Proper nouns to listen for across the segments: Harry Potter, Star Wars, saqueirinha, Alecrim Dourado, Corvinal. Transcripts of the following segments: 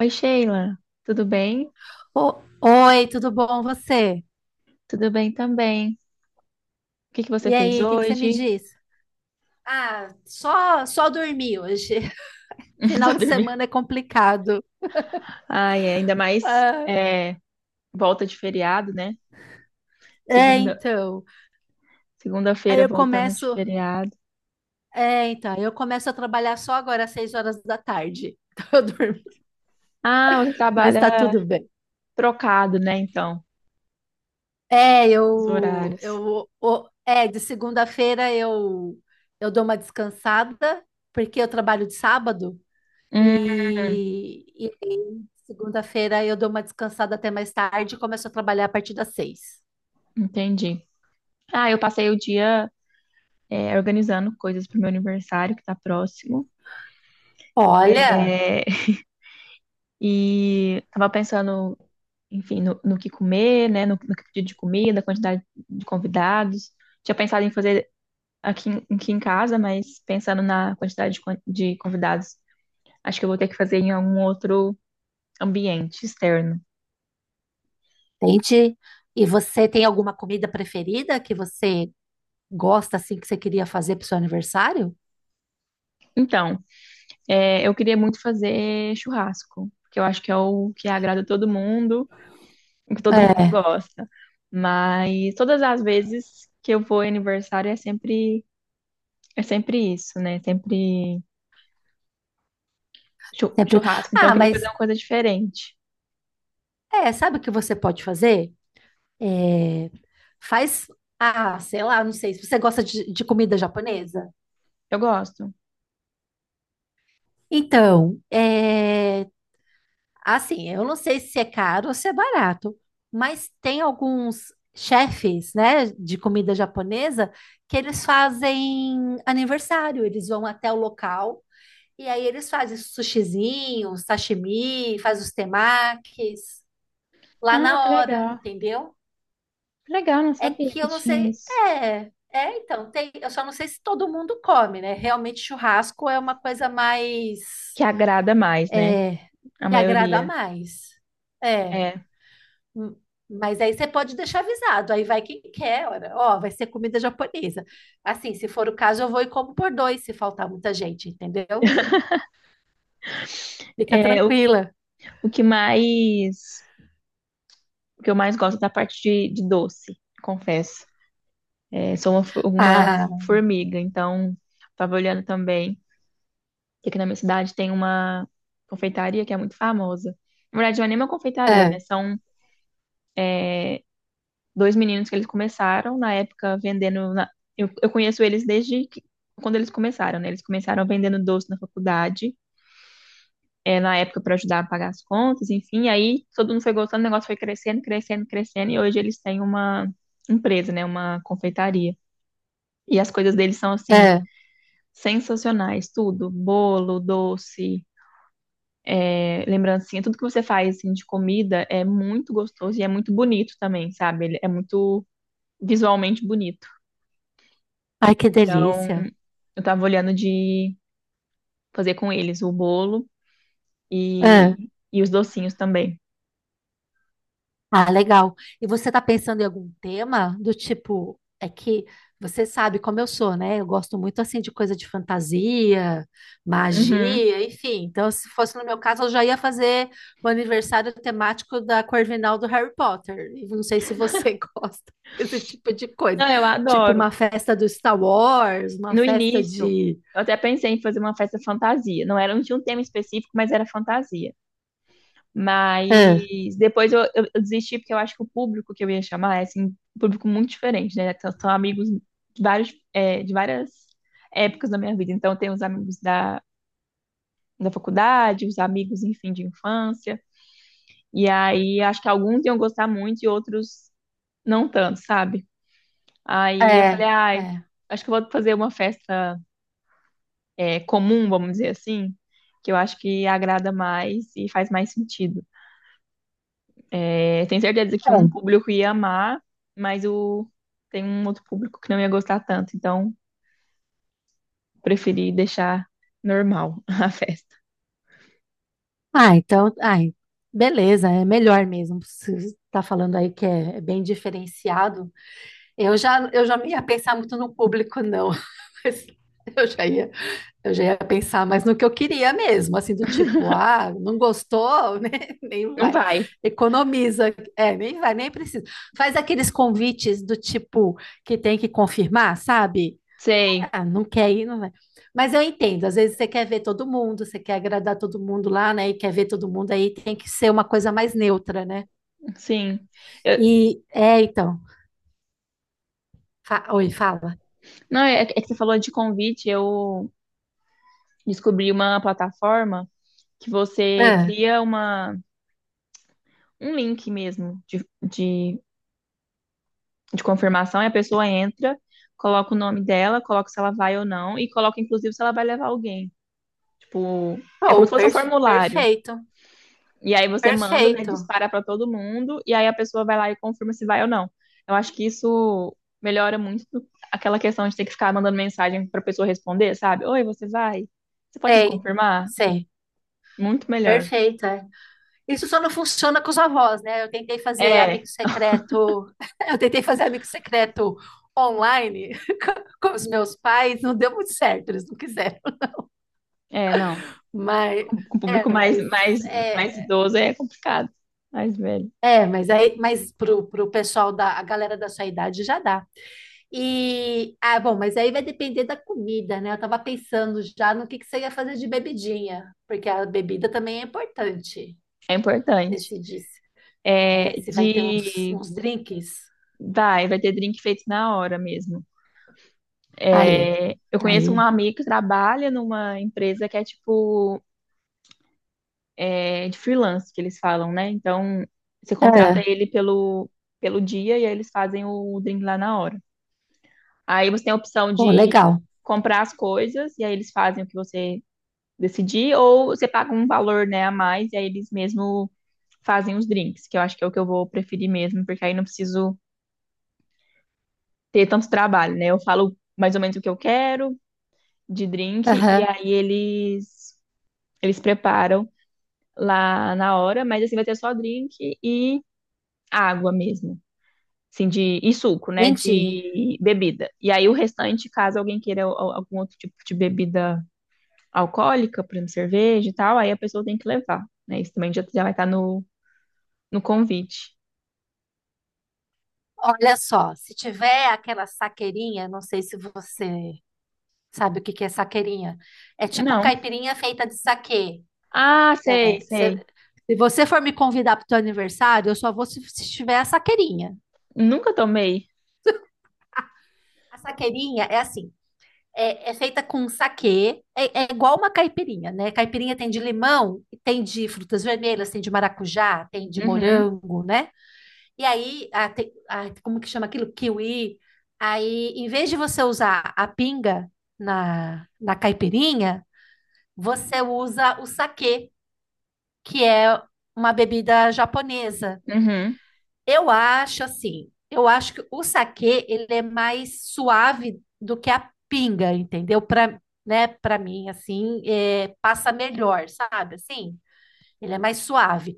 Oi, Sheila, tudo bem? Oi, tudo bom você? Tudo bem também. O que que você E fez aí, o que que você me hoje? diz? Ah, só dormi hoje. Final Só de dormiu. semana é complicado. Ai, é, ainda mais é, volta de feriado, né? É, Segunda, então. Aí segunda-feira eu voltando de começo, feriado. é, então, aí eu começo a trabalhar só agora às seis horas da tarde. Então eu durmo, Ah, você mas trabalha tá tudo bem. trocado, né? Então, É, os eu horários. eu o- é, de segunda-feira eu dou uma descansada, porque eu trabalho de sábado. Hum, E aí, segunda-feira eu dou uma descansada até mais tarde e começo a trabalhar a partir das seis. entendi. Ah, eu passei o dia organizando coisas para o meu aniversário, que tá próximo. Olha. É. E tava pensando enfim, no que comer, né? No que pedir de comida, quantidade de convidados. Tinha pensado em fazer aqui em casa, mas pensando na quantidade de convidados, acho que eu vou ter que fazer em algum outro ambiente externo. Entende? E você tem alguma comida preferida que você gosta assim que você queria fazer para o seu aniversário? Então, eu queria muito fazer churrasco, porque eu acho que é o que agrada todo mundo, o que todo mundo É. gosta. Mas todas as vezes que eu vou em aniversário é sempre isso, né? Sempre Sempre. churrasco. Então, eu Ah, queria fazer mas uma coisa diferente. é, sabe o que você pode fazer? É, faz, sei lá, não sei, se você gosta de comida japonesa. Eu gosto. Então, é. Assim, eu não sei se é caro ou se é barato, mas tem alguns chefes, né, de comida japonesa que eles fazem aniversário, eles vão até o local e aí eles fazem sushizinhos, sashimi, faz os temakis lá Ah, que na hora, legal. entendeu? Que legal, não É sabia que que eu não tinha sei, isso. é, é então, tem, eu só não sei se todo mundo come, né? Realmente churrasco é uma coisa mais, Que agrada mais, né? A me agrada maioria. mais. É. É. Hum. Mas aí você pode deixar avisado, aí vai quem quer, ora, ó, vai ser comida japonesa. Assim, se for o caso, eu vou e como por dois, se faltar muita gente, entendeu? Fica É o, tranquila. o que mais. O que eu mais gosto é da parte de doce, confesso. É, sou uma Ah, formiga, então tava olhando também que aqui na minha cidade tem uma confeitaria que é muito famosa. Na verdade, não é nem uma confeitaria, é, né? São dois meninos que eles começaram na época vendendo. Eu conheço eles quando eles começaram, né? Eles começaram vendendo doce na faculdade, na época para ajudar a pagar as contas, enfim. Aí todo mundo foi gostando, o negócio foi crescendo, crescendo, crescendo, e hoje eles têm uma empresa, né? Uma confeitaria. E as coisas deles são assim. é. Sensacionais, tudo, bolo, doce, lembrancinha, tudo que você faz assim, de comida é muito gostoso e é muito bonito também, sabe? Ele é muito visualmente bonito. Ai, que Então, delícia. eu tava olhando de fazer com eles o bolo É. e os docinhos também. Ah, legal. E você está pensando em algum tema do tipo, é que você sabe como eu sou, né? Eu gosto muito assim de coisa de fantasia, Uhum. magia, enfim. Então, se fosse no meu caso, eu já ia fazer o aniversário temático da Corvinal do Harry Potter. E não sei se você gosta desse tipo de coisa. Não, eu Tipo adoro. uma festa do Star Wars, uma No festa início, de. eu até pensei em fazer uma festa fantasia. Não era, não tinha um tema específico, mas era fantasia. É, Mas depois eu desisti porque eu acho que o público que eu ia chamar é assim, um público muito diferente, né? São amigos de várias épocas da minha vida. Então, eu os amigos da faculdade, os amigos, enfim, de infância. E aí, acho que alguns iam gostar muito e outros não tanto, sabe? Aí eu é, falei, ai, é. acho que eu vou fazer uma festa comum, vamos dizer assim, que eu acho que agrada mais e faz mais sentido. É, tenho certeza que um público ia amar, mas tem um outro público que não ia gostar tanto, então preferi deixar normal a festa. Ah, então, ai, beleza, é melhor mesmo. Você está falando aí que é, é bem diferenciado. Eu já não ia pensar muito no público, não. Mas eu já ia, eu já ia pensar mais no que eu queria mesmo, assim, do tipo, ah, não gostou, né? Nem Não vai. vai. Economiza, é, nem vai, nem precisa. Faz aqueles convites do tipo que tem que confirmar, sabe? Sei. Ah, não quer ir, não vai. Mas eu entendo, às vezes você quer ver todo mundo, você quer agradar todo mundo lá, né? E quer ver todo mundo aí, tem que ser uma coisa mais neutra, né? Sim. Eu- E é, então. Oi, fala. não, é que você falou de convite, eu descobri uma plataforma que você Ah, cria uma um link mesmo de confirmação e a pessoa entra, coloca o nome dela, coloca se ela vai ou não e coloca inclusive se ela vai levar alguém. Tipo, é como se oh, fosse um per- formulário. Perfeito, E aí você manda, né, perfeito. dispara para todo mundo e aí a pessoa vai lá e confirma se vai ou não. Eu acho que isso melhora muito aquela questão de ter que ficar mandando mensagem para pessoa responder, sabe? Oi, você vai? Você pode me Sei, confirmar? sei, Muito melhor. perfeito. É. Isso só não funciona com os avós, né? Eu tentei fazer É, amigo secreto, eu tentei fazer amigo secreto online com os meus pais, não deu muito certo, eles não quiseram. é, não. Mas, Com o público é, mais, mas. mais, É. mais idoso é complicado. Mais velho. É, mas aí, mas pro, pro pessoal da, a galera da sua idade já dá. E, ah, bom, mas aí vai depender da comida, né? Eu tava pensando já no que você ia fazer de bebidinha, porque a bebida também é importante É importante. decidir se, É, é, se vai ter uns, de. uns drinks. Vai ter drink feito na hora mesmo. Aí, É, eu aí. conheço uma amiga que trabalha numa empresa que é tipo de freelance, que eles falam, né? Então, você contrata É, ele pelo dia e aí eles fazem o drink lá na hora. Aí você tem a opção pô, de legal. comprar as coisas e aí eles fazem o que você decidir, ou você paga um valor, né, a mais e aí eles mesmo fazem os drinks, que eu acho que é o que eu vou preferir mesmo, porque aí não preciso ter tanto trabalho, né? Eu falo mais ou menos o que eu quero de drink e Aham. aí eles preparam lá na hora, mas assim vai ter só drink e água mesmo, assim de e suco, né, Gente, de bebida. E aí o restante, caso alguém queira algum outro tipo de bebida alcoólica, por exemplo, cerveja e tal, aí a pessoa tem que levar, né? Isso também já vai estar no convite. olha só, se tiver aquela saqueirinha, não sei se você sabe o que que é saqueirinha. É tipo Não. caipirinha feita de saquê. Ah, sei, É, sei. se você for me convidar para o teu aniversário, eu só vou se, se tiver a saqueirinha. Nunca tomei. A saqueirinha é assim, é, é feita com saquê, é, é igual uma caipirinha, né? Caipirinha tem de limão, tem de frutas vermelhas, tem de maracujá, tem de Uhum, morango, né? E aí, a, tem- a- como que chama aquilo? Kiwi. Aí, em vez de você usar a pinga na, na caipirinha, você usa o saquê, que é uma bebida japonesa. uhum. Eu acho assim, eu acho que o saquê ele é mais suave do que a pinga, entendeu? Para, né, para mim assim, é, passa melhor, sabe? Assim, ele é mais suave,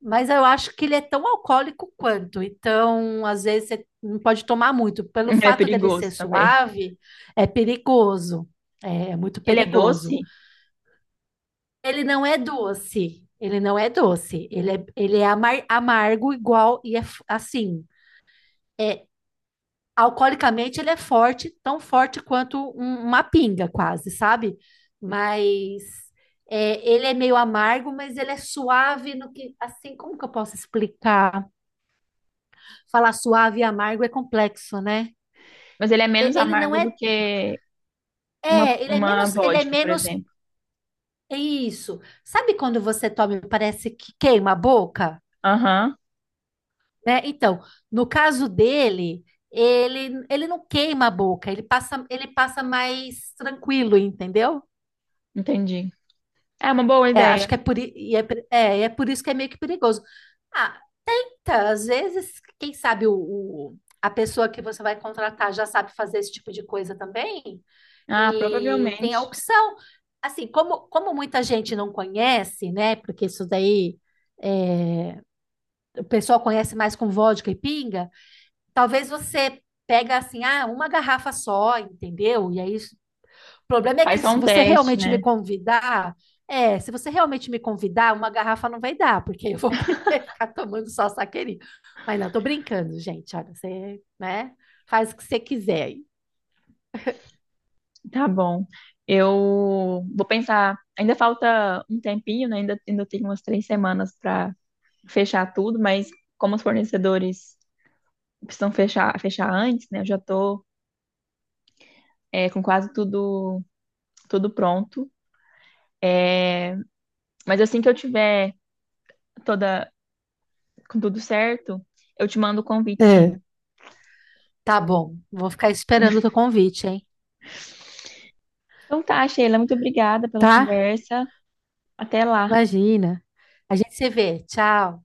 mas eu acho que ele é tão alcoólico quanto. Então, às vezes você não pode tomar muito, pelo É fato dele perigoso ser também. suave, é perigoso. É, é muito Ele é perigoso. doce, Ele não é doce. Ele não é doce. Ele é amargo igual e é assim. É, alcoolicamente ele é forte, tão forte quanto uma pinga, quase, sabe? Mas é, ele é meio amargo, mas ele é suave no que, assim, como que eu posso explicar? Falar suave e amargo é complexo, né? mas ele é E- menos Ele não amargo do é, que uma, é, uma ele é vodka, por menos, exemplo. é isso. Sabe quando você toma e parece que queima a boca, Aham, né? Então, no caso dele, ele não queima a boca, ele passa mais tranquilo, entendeu? entendi. É uma boa É, acho ideia. que é por, i- e é, per- é, e é por isso que é meio que perigoso. Ah, tá, às vezes, quem sabe a pessoa que você vai contratar já sabe fazer esse tipo de coisa também Ah, e tem a provavelmente. opção. Assim, como, como muita gente não conhece, né? Porque isso daí o pessoal conhece mais com vodka e pinga, talvez você pega assim, ah, uma garrafa só, entendeu? E aí, o problema é Faz que só se um você teste, realmente me né? convidar, é, se você realmente me convidar, uma garrafa não vai dar, porque eu vou querer ficar tomando só saqueirinho. Mas não, tô brincando, gente. Olha, você, né? Faz o que você quiser aí. Tá bom. Eu vou pensar. Ainda falta um tempinho, né? Ainda tenho umas 3 semanas para fechar tudo, mas como os fornecedores precisam fechar antes, né? Eu já tô, com quase tudo, tudo pronto. Mas assim que eu tiver toda, com tudo certo, eu te mando o convite, É. sim. Tá bom, vou ficar esperando o teu convite, hein? Então tá, Sheila, muito obrigada pela Tá? conversa. Até lá. Imagina. A gente se vê. Tchau.